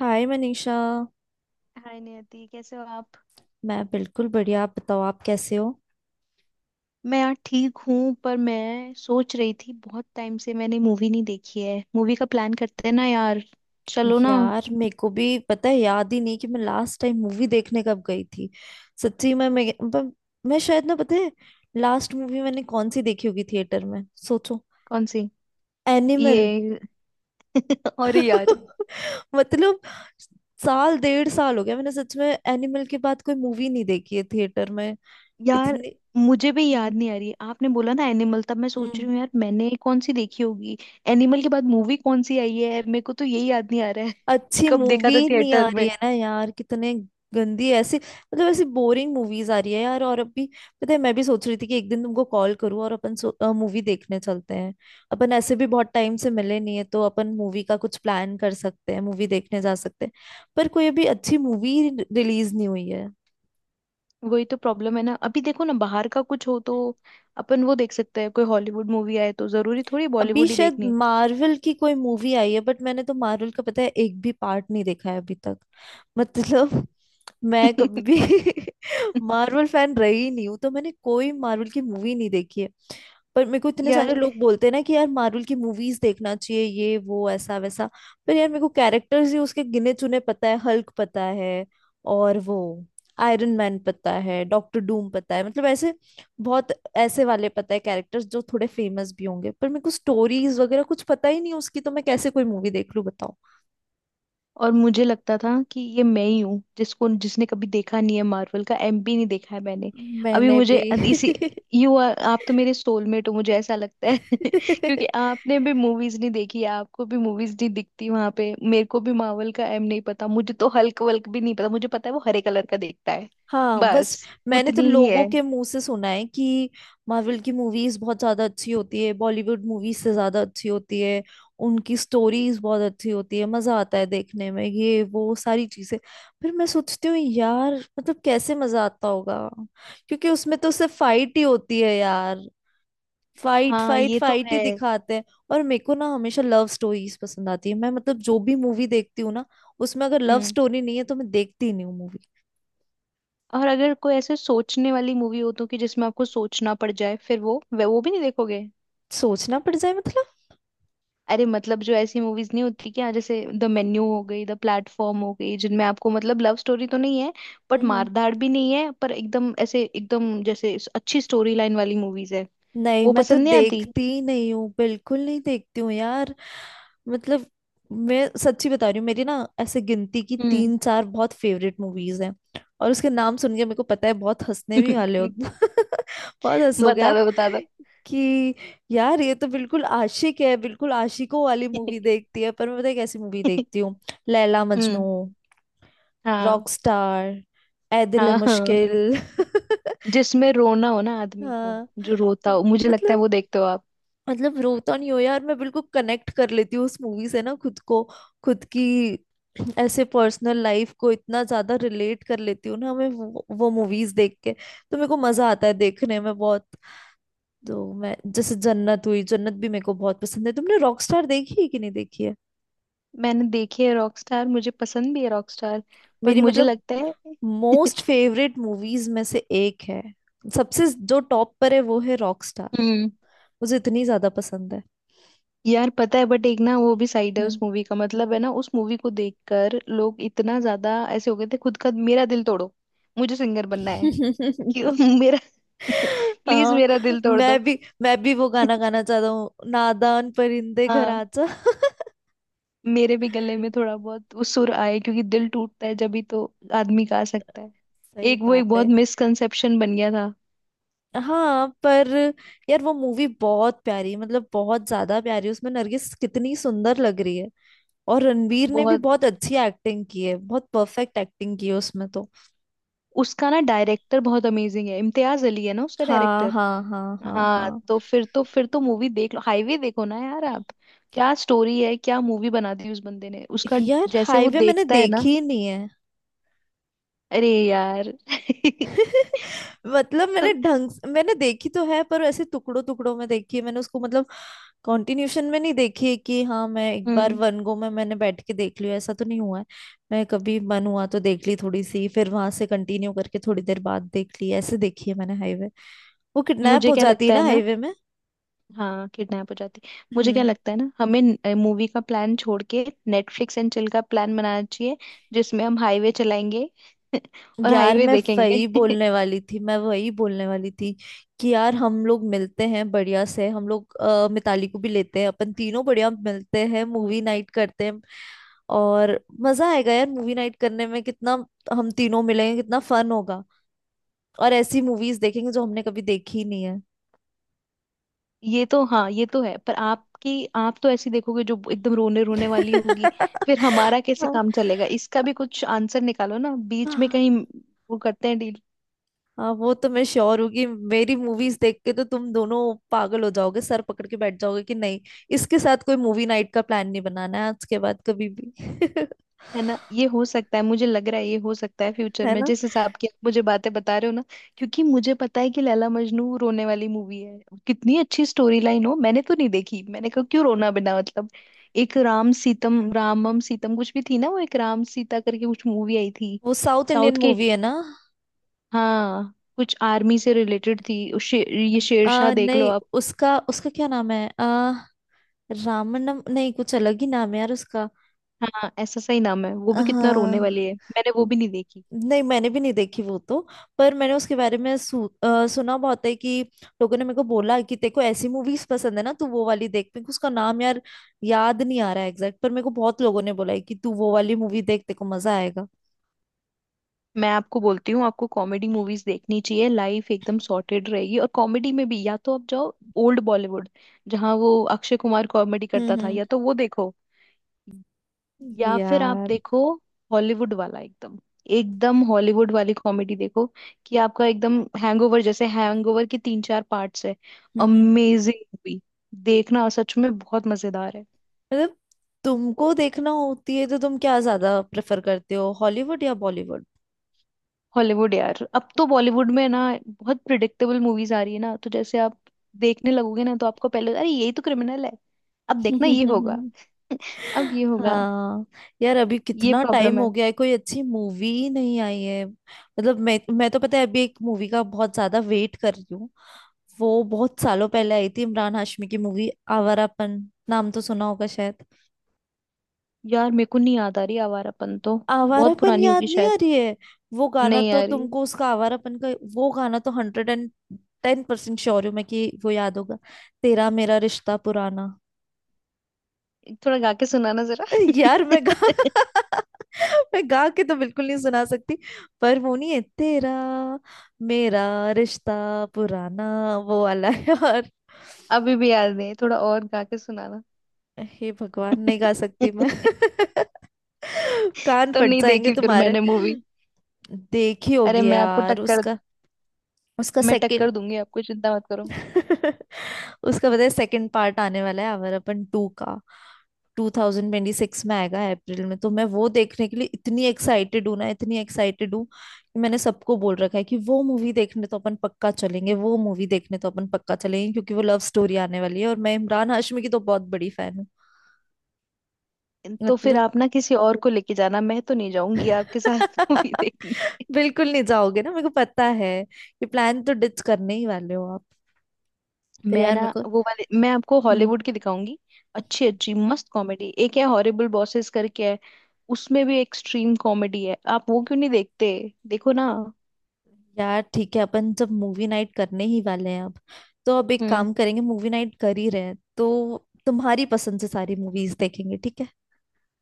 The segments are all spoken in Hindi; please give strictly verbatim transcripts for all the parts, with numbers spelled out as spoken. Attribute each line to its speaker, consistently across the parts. Speaker 1: हाय मनीषा।
Speaker 2: हाय नियति, कैसे हो आप?
Speaker 1: मैं बिल्कुल बढ़िया। आप बताओ, आप कैसे हो?
Speaker 2: मैं यार ठीक हूँ, पर मैं सोच रही थी बहुत टाइम से मैंने मूवी नहीं देखी है। मूवी का प्लान करते हैं ना यार। चलो ना।
Speaker 1: यार, मेरे को भी पता है, याद ही नहीं कि मैं लास्ट टाइम मूवी देखने कब गई थी। सच्ची, मैं मैं, मैं, मैं शायद, ना पता है। लास्ट मूवी मैंने कौन सी देखी होगी थिएटर में? सोचो।
Speaker 2: कौन सी?
Speaker 1: एनिमल।
Speaker 2: ये? अरे यार।
Speaker 1: मतलब, साल डेढ़ साल हो गया, मैंने सच में एनिमल के बाद कोई मूवी नहीं देखी है थिएटर में,
Speaker 2: यार,
Speaker 1: इतनी।
Speaker 2: मुझे भी याद
Speaker 1: हम्म
Speaker 2: नहीं आ रही, आपने बोला ना एनिमल, तब मैं सोच रही हूँ यार, मैंने कौन सी देखी होगी। एनिमल के बाद मूवी कौन सी आई है? मेरे को तो यही याद नहीं आ रहा है कि
Speaker 1: अच्छी
Speaker 2: कब देखा था
Speaker 1: मूवी नहीं आ
Speaker 2: थिएटर
Speaker 1: रही
Speaker 2: में।
Speaker 1: है ना यार, कितने गंदी ऐसी, मतलब ऐसी बोरिंग मूवीज आ रही है यार, और अभी पता है, मैं भी सोच रही थी कि एक दिन तुमको कॉल करूं और अपन मूवी देखने चलते हैं। अपन ऐसे भी बहुत टाइम से मिले नहीं है, तो अपन मूवी का कुछ प्लान कर सकते हैं, मूवी देखने जा सकते हैं। पर कोई अभी अच्छी मूवी रिलीज नहीं हुई है।
Speaker 2: वही तो प्रॉब्लम है ना। अभी देखो ना, बाहर का कुछ हो तो अपन वो देख सकते हैं। कोई हॉलीवुड मूवी आए तो, जरूरी थोड़ी
Speaker 1: अभी
Speaker 2: बॉलीवुड ही
Speaker 1: शायद
Speaker 2: देखनी है।
Speaker 1: मार्वल की कोई मूवी आई है, बट मैंने तो मार्वल का, पता है, एक भी पार्ट नहीं देखा है अभी तक। मतलब मैं कभी भी मार्वल फैन रही नहीं हूँ, तो मैंने कोई मार्वल की मूवी नहीं देखी है। पर मेरे को इतने
Speaker 2: यार,
Speaker 1: सारे लोग बोलते हैं ना कि यार मार्वल की मूवीज देखना चाहिए, ये वो, ऐसा वैसा। पर यार, मेरे को कैरेक्टर्स ही उसके गिने चुने, पता है हल्क, पता है, और वो आयरन मैन, पता है डॉक्टर डूम, पता है, मतलब ऐसे बहुत ऐसे वाले, पता है कैरेक्टर्स जो थोड़े फेमस भी होंगे, पर मेरे को स्टोरीज वगैरह कुछ पता ही नहीं उसकी, तो मैं कैसे कोई मूवी देख लूं बताओ।
Speaker 2: और मुझे लगता था कि ये मैं ही हूँ जिसको, जिसने कभी देखा नहीं है मार्वल का। एमपी नहीं देखा है मैंने। अभी
Speaker 1: मैंने
Speaker 2: मुझे
Speaker 1: भी।
Speaker 2: अद- इसी यू आर आप तो मेरे सोलमेट हो, मुझे ऐसा लगता है। क्योंकि आपने भी मूवीज नहीं देखी है, आपको भी मूवीज नहीं दिखती वहां पे। मेरे को भी मार्वल का एम नहीं पता। मुझे तो हल्क वल्क भी नहीं पता। मुझे पता है वो हरे कलर का देखता है।
Speaker 1: हाँ, बस।
Speaker 2: बस
Speaker 1: मैंने तो
Speaker 2: उतनी ही
Speaker 1: लोगों
Speaker 2: है।
Speaker 1: के मुंह से सुना है कि मार्वल की मूवीज बहुत ज्यादा अच्छी होती है, बॉलीवुड मूवीज से ज्यादा अच्छी होती है। उनकी स्टोरीज बहुत अच्छी होती है, मजा आता है देखने में, ये वो सारी चीजें। फिर मैं सोचती हूँ यार, मतलब कैसे मजा आता होगा, क्योंकि उसमें तो सिर्फ फाइट ही होती है यार। फाइट
Speaker 2: हाँ
Speaker 1: फाइट
Speaker 2: ये तो
Speaker 1: फाइट ही
Speaker 2: है।
Speaker 1: दिखाते हैं। और मेरे को ना हमेशा लव स्टोरीज पसंद आती है। मैं मतलब जो भी मूवी देखती हूँ ना, उसमें अगर लव
Speaker 2: हम्म।
Speaker 1: स्टोरी नहीं है तो मैं देखती ही नहीं हूँ मूवी।
Speaker 2: और अगर कोई ऐसे सोचने वाली मूवी हो तो, कि जिसमें आपको सोचना पड़ जाए, फिर वो वे वो भी नहीं देखोगे।
Speaker 1: सोचना पड़ जाए, मतलब?
Speaker 2: अरे मतलब, जो ऐसी मूवीज नहीं होती क्या, जैसे द मेन्यू हो गई, द प्लेटफॉर्म हो गई, जिनमें आपको, मतलब, लव स्टोरी तो नहीं है बट
Speaker 1: हम्म।
Speaker 2: मारधाड़ भी नहीं है, पर एकदम ऐसे, एकदम जैसे इस- अच्छी स्टोरी लाइन वाली मूवीज है।
Speaker 1: नहीं,
Speaker 2: वो
Speaker 1: मैं तो
Speaker 2: पसंद नहीं आती।
Speaker 1: देखती ही नहीं हूँ, बिल्कुल नहीं देखती हूँ यार, मतलब। मैं सच्ची बता रही हूँ, मेरी ना ऐसे गिनती की
Speaker 2: हम्म।
Speaker 1: तीन चार बहुत फेवरेट मूवीज हैं। और उसके नाम सुन के, मेरे को पता है, बहुत हंसने भी वाले हो। बहुत हंसोगे
Speaker 2: बता
Speaker 1: आप
Speaker 2: दो, बता दो।
Speaker 1: कि यार, ये तो बिल्कुल आशिक है, बिल्कुल आशिकों वाली मूवी देखती है, पर मैं पता है कैसी मूवी देखती हूँ। लैला मजनू।
Speaker 2: हम्म। हाँ
Speaker 1: रॉकस्टार। ए दिल है
Speaker 2: हाँ हाँ।
Speaker 1: मुश्किल।
Speaker 2: जिसमें रोना हो ना आदमी को,
Speaker 1: हाँ।
Speaker 2: जो रोता हो, मुझे लगता है
Speaker 1: मतलब
Speaker 2: वो देखते हो आप।
Speaker 1: मतलब रोता नहीं हो यार, मैं बिल्कुल कनेक्ट कर लेती हूँ उस मूवी से ना खुद को, खुद की ऐसे पर्सनल लाइफ को इतना ज्यादा रिलेट कर लेती हूँ ना मैं, वो, वो मूवीज देख के तो मेरे को मजा आता है देखने में बहुत। तो मैं, जैसे जन्नत हुई, जन्नत भी मेरे को बहुत पसंद है। तुमने रॉकस्टार देखी है कि नहीं देखी है?
Speaker 2: मैंने देखी है रॉकस्टार, मुझे पसंद भी है रॉकस्टार, पर
Speaker 1: मेरी
Speaker 2: मुझे
Speaker 1: मतलब
Speaker 2: लगता है।
Speaker 1: मोस्ट फेवरेट मूवीज में से एक है, सबसे जो टॉप पर है वो है रॉकस्टार।
Speaker 2: हम्म।
Speaker 1: मुझे इतनी ज्यादा पसंद है।
Speaker 2: यार पता है, बट एक ना वो भी साइड है उस
Speaker 1: हम्म।
Speaker 2: मूवी का, मतलब है ना, उस मूवी को देखकर लोग इतना ज्यादा ऐसे हो गए थे, खुद का मेरा दिल तोड़ो, मुझे सिंगर बनना है। क्यों? मेरा प्लीज
Speaker 1: हाँ,
Speaker 2: मेरा दिल तोड़
Speaker 1: मैं
Speaker 2: दो।
Speaker 1: भी मैं भी वो गाना गाना चाहता हूँ, नादान परिंदे घर
Speaker 2: हाँ।
Speaker 1: आजा।
Speaker 2: मेरे भी गले में थोड़ा बहुत वो सुर आए, क्योंकि दिल टूटता है जब ही तो आदमी गा सकता है।
Speaker 1: सही
Speaker 2: एक वो,
Speaker 1: बात
Speaker 2: एक बहुत
Speaker 1: है।
Speaker 2: मिसकंसेप्शन बन गया था।
Speaker 1: हाँ, पर यार वो मूवी बहुत प्यारी, मतलब बहुत ज्यादा प्यारी, उसमें नरगिस कितनी सुंदर लग रही है। और रणवीर ने भी
Speaker 2: बहुत,
Speaker 1: बहुत अच्छी एक्टिंग की है, बहुत परफेक्ट एक्टिंग की है उसमें तो।
Speaker 2: उसका ना डायरेक्टर बहुत अमेजिंग है। इम्तियाज अली है ना उसका
Speaker 1: हाँ,
Speaker 2: डायरेक्टर।
Speaker 1: हाँ, हाँ, हाँ,
Speaker 2: हाँ,
Speaker 1: हाँ।
Speaker 2: तो फिर तो फिर तो मूवी देख लो, हाईवे देखो ना यार आप। क्या स्टोरी है, क्या मूवी बना दी उस बंदे ने, उसका
Speaker 1: यार
Speaker 2: जैसे वो
Speaker 1: हाईवे मैंने
Speaker 2: देखता है ना।
Speaker 1: देखी ही नहीं है।
Speaker 2: अरे यार।
Speaker 1: मतलब,
Speaker 2: तो,
Speaker 1: मैंने ढंग से- मैंने देखी तो है, पर ऐसे टुकड़ों टुकड़ों में देखी है मैंने उसको, मतलब कंटिन्यूशन में नहीं देखी है कि हाँ, मैं एक बार
Speaker 2: हम्म।
Speaker 1: वन गो में मैंने बैठ के देख लिया, ऐसा तो नहीं हुआ है। मैं कभी मन हुआ तो देख ली थोड़ी सी, फिर वहां से कंटिन्यू करके थोड़ी देर बाद देख ली, ऐसे देखी है मैंने हाईवे। वो किडनैप
Speaker 2: मुझे
Speaker 1: हो
Speaker 2: क्या
Speaker 1: जाती है
Speaker 2: लगता
Speaker 1: ना
Speaker 2: है ना,
Speaker 1: हाईवे में।
Speaker 2: हाँ, किडनैप हो जाती। मुझे क्या
Speaker 1: हम्म
Speaker 2: लगता है ना, हमें मूवी का प्लान छोड़ के नेटफ्लिक्स एंड चिल का प्लान बनाना चाहिए, जिसमें हम हाईवे चलाएंगे और
Speaker 1: यार,
Speaker 2: हाईवे
Speaker 1: मैं
Speaker 2: देखेंगे।
Speaker 1: वही बोलने वाली थी, मैं वही बोलने वाली थी कि यार हम लोग मिलते हैं बढ़िया से, हम लोग अ, मिताली को भी लेते हैं, अपन तीनों बढ़िया मिलते हैं, मूवी नाइट करते हैं। और मजा आएगा यार मूवी नाइट करने में कितना, हम तीनों मिलेंगे, कितना फन होगा। और ऐसी मूवीज देखेंगे जो हमने कभी देखी नहीं है।
Speaker 2: ये तो हाँ, ये तो है। पर आपकी आप तो ऐसी देखोगे जो एकदम रोने रोने वाली होगी। फिर हमारा कैसे
Speaker 1: हाँ।
Speaker 2: काम चलेगा? इसका भी कुछ आंसर निकालो ना बीच में
Speaker 1: हाँ,
Speaker 2: कहीं, वो करते हैं डील।
Speaker 1: हाँ, वो तो मैं श्योर हूँ कि मेरी मूवीज देख के तो तुम दोनों पागल हो जाओगे, सर पकड़ के बैठ जाओगे कि नहीं, इसके साथ कोई मूवी नाइट का प्लान नहीं बनाना है आज के बाद कभी भी।
Speaker 2: है ना? ये हो सकता है, मुझे लग रहा है ये हो सकता है फ्यूचर
Speaker 1: है
Speaker 2: में,
Speaker 1: ना?
Speaker 2: जिस हिसाब की आप मुझे बातें बता रहे हो ना। क्योंकि मुझे पता है कि लैला मजनू रोने वाली मूवी है, कितनी अच्छी स्टोरी लाइन हो, मैंने तो नहीं देखी। मैंने कहा क्यों रोना बिना मतलब। एक राम सीतम, रामम सीतम, कुछ भी थी ना वो, एक राम सीता करके कुछ मूवी आई थी,
Speaker 1: वो साउथ
Speaker 2: साउथ
Speaker 1: इंडियन
Speaker 2: के।
Speaker 1: मूवी है ना?
Speaker 2: हाँ, कुछ आर्मी से रिलेटेड थी उस शे, ये शेरशाह
Speaker 1: आ,
Speaker 2: देख लो
Speaker 1: नहीं,
Speaker 2: आप।
Speaker 1: उसका उसका क्या नाम है आ, रामनम नहीं, कुछ अलग ही नाम है यार उसका।
Speaker 2: हाँ ऐसा सही नाम है। वो भी कितना रोने वाली
Speaker 1: हाँ,
Speaker 2: है, मैंने वो भी नहीं देखी।
Speaker 1: नहीं मैंने भी नहीं देखी वो तो, पर मैंने उसके बारे में सु, अ, सुना बहुत है कि लोगों ने मेरे को बोला कि तेरे को ऐसी मूवीज पसंद है ना तू वो वाली देख। मेरे को उसका नाम यार याद नहीं आ रहा है एग्जैक्ट, पर मेरे को बहुत लोगों ने बोला है कि तू वो वाली मूवी देख, तेरे को मजा आएगा।
Speaker 2: मैं आपको बोलती हूँ, आपको कॉमेडी मूवीज देखनी चाहिए, लाइफ एकदम सॉर्टेड रहेगी। और कॉमेडी में भी, या तो आप जाओ ओल्ड बॉलीवुड, जहाँ वो अक्षय कुमार कॉमेडी करता था,
Speaker 1: हम्म,
Speaker 2: या तो वो देखो,
Speaker 1: हम्म।
Speaker 2: या फिर आप
Speaker 1: यार,
Speaker 2: देखो हॉलीवुड वाला, एकदम एकदम हॉलीवुड वाली कॉमेडी देखो। कि आपका एकदम हैंगओवर, जैसे हैंगओवर के तीन चार पार्ट्स है,
Speaker 1: हम्म, हम्म।
Speaker 2: Amazing movie. देखना सच में बहुत मजेदार है।
Speaker 1: मतलब तुमको देखना होती है तो तुम क्या ज्यादा प्रेफर करते हो, हॉलीवुड या बॉलीवुड?
Speaker 2: हॉलीवुड यार, अब तो बॉलीवुड में ना बहुत प्रिडिक्टेबल मूवीज आ रही है ना, तो जैसे आप देखने लगोगे ना, तो आपको पहले, अरे यही तो क्रिमिनल है, अब देखना ये होगा, अब ये होगा।
Speaker 1: हाँ यार, अभी
Speaker 2: ये
Speaker 1: कितना
Speaker 2: प्रॉब्लम
Speaker 1: टाइम हो
Speaker 2: है।
Speaker 1: गया है, कोई अच्छी मूवी ही नहीं आई है, मतलब मैं मैं तो पता है अभी एक मूवी का बहुत ज्यादा वेट कर रही हूँ। वो बहुत सालों पहले आई थी इमरान हाशमी की मूवी, आवारापन, नाम तो सुना होगा शायद।
Speaker 2: यार मेरे को नहीं याद आ रही आवारापन तो। बहुत
Speaker 1: आवारापन
Speaker 2: पुरानी होगी
Speaker 1: याद नहीं आ
Speaker 2: शायद।
Speaker 1: रही है? वो गाना
Speaker 2: नहीं
Speaker 1: तो
Speaker 2: यार।
Speaker 1: तुमको उसका आवारापन का, वो गाना तो hundred and ten percent sure हूँ मैं कि वो याद होगा, तेरा मेरा रिश्ता पुराना।
Speaker 2: थोड़ा गा के सुनाना जरा।
Speaker 1: यार मैं गा मैं गा के तो बिल्कुल नहीं सुना सकती, पर वो नहीं है, तेरा मेरा रिश्ता पुराना, वो वाला है। यार,
Speaker 2: अभी भी याद है, थोड़ा और गा के सुनाना।
Speaker 1: हे भगवान नहीं गा सकती मैं। कान
Speaker 2: तो
Speaker 1: फट
Speaker 2: नहीं
Speaker 1: जाएंगे
Speaker 2: देखी फिर
Speaker 1: तुम्हारे।
Speaker 2: मैंने मूवी।
Speaker 1: देखी
Speaker 2: अरे
Speaker 1: होगी
Speaker 2: मैं आपको
Speaker 1: यार,
Speaker 2: टक्कर
Speaker 1: उसका
Speaker 2: दू-
Speaker 1: उसका
Speaker 2: मैं
Speaker 1: सेकंड
Speaker 2: टक्कर दूंगी आपको, चिंता मत करो।
Speaker 1: उसका पता है सेकंड पार्ट आने वाला है, अवर अपन टू का, ट्वेंटी ट्वेंटी सिक्स में आएगा अप्रैल में। तो मैं वो देखने के लिए इतनी एक्साइटेड हूँ ना, इतनी एक्साइटेड हूँ कि मैंने सबको बोल रखा है कि वो मूवी देखने तो अपन पक्का चलेंगे, वो मूवी देखने तो अपन पक्का चलेंगे, क्योंकि वो लव स्टोरी आने वाली है, और मैं इमरान हाशमी की तो बहुत बड़ी फैन हूँ।
Speaker 2: तो फिर
Speaker 1: मतलब।
Speaker 2: आप ना किसी और को लेके जाना, मैं तो नहीं जाऊंगी आपके साथ मूवी देखने।
Speaker 1: बिल्कुल नहीं जाओगे ना, मेरे को पता है कि प्लान तो डिच करने ही वाले हो आप। पर
Speaker 2: मैं
Speaker 1: यार
Speaker 2: ना
Speaker 1: मेरे को।
Speaker 2: वो वाले, मैं आपको
Speaker 1: हम्म
Speaker 2: हॉलीवुड की दिखाऊंगी, अच्छी अच्छी मस्त कॉमेडी। एक है हॉरिबल बॉसेस करके, है उसमें भी एक्सट्रीम कॉमेडी है। आप वो क्यों नहीं देखते? देखो ना।
Speaker 1: यार, ठीक है अपन जब मूवी नाइट करने ही वाले हैं अब, तो अब एक
Speaker 2: हम्म।
Speaker 1: काम करेंगे, मूवी नाइट कर ही रहे हैं तो तुम्हारी पसंद से सारी मूवीज देखेंगे, ठीक है?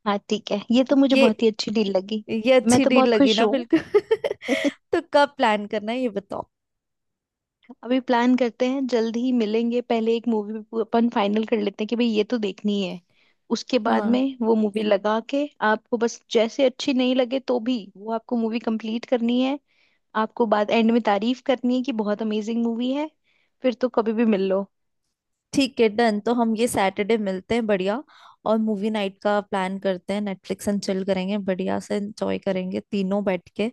Speaker 2: हाँ ठीक है, ये तो मुझे
Speaker 1: ये
Speaker 2: बहुत ही अच्छी डील लगी।
Speaker 1: ये
Speaker 2: मैं
Speaker 1: अच्छी
Speaker 2: तो
Speaker 1: डील
Speaker 2: बहुत
Speaker 1: लगी
Speaker 2: खुश
Speaker 1: ना,
Speaker 2: हूँ।
Speaker 1: बिल्कुल। तो कब प्लान करना है ये बताओ।
Speaker 2: अभी प्लान करते हैं, जल्दी ही मिलेंगे। पहले एक मूवी अपन फाइनल कर लेते हैं कि भाई ये तो देखनी है। उसके बाद
Speaker 1: हाँ
Speaker 2: में वो मूवी लगा के, आपको बस, जैसे अच्छी नहीं लगे तो भी वो आपको मूवी कंप्लीट करनी है। आपको बाद, एंड में, तारीफ करनी है कि बहुत अमेजिंग मूवी है। फिर तो कभी भी मिल लो।
Speaker 1: ठीक है, डन। तो हम ये सैटरडे मिलते हैं बढ़िया, और मूवी नाइट का प्लान करते हैं, नेटफ्लिक्स एंड चिल करेंगे बढ़िया से, एंजॉय करेंगे तीनों बैठ के,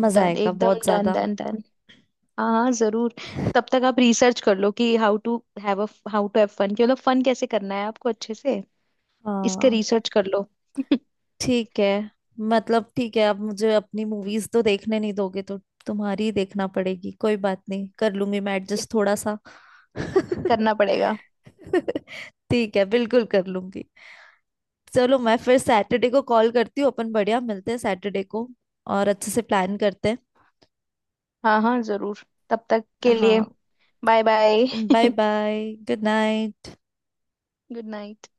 Speaker 1: मजा
Speaker 2: डन,
Speaker 1: आएगा
Speaker 2: एकदम
Speaker 1: बहुत
Speaker 2: डन
Speaker 1: ज्यादा।
Speaker 2: Done done. हाँ हाँ जरूर। तब तक आप रिसर्च कर लो कि how to have a how to have fun, कि मतलब फन कैसे करना है आपको अच्छे से, इस पे
Speaker 1: हाँ,
Speaker 2: रिसर्च कर लो।
Speaker 1: ठीक है। मतलब ठीक है, अब मुझे अपनी मूवीज तो देखने नहीं दोगे तो तुम्हारी ही देखना पड़ेगी, कोई बात नहीं, कर लूंगी मैं
Speaker 2: ये
Speaker 1: एडजस्ट थोड़ा सा।
Speaker 2: करना पड़ेगा।
Speaker 1: ठीक है, बिल्कुल कर लूंगी। चलो, मैं फिर सैटरडे को कॉल करती हूँ, अपन बढ़िया मिलते हैं सैटरडे को, और अच्छे से प्लान करते
Speaker 2: हाँ हाँ जरूर। तब तक
Speaker 1: हैं,
Speaker 2: के लिए,
Speaker 1: हाँ।
Speaker 2: Bye bye,
Speaker 1: bye bye, good night.
Speaker 2: Good night.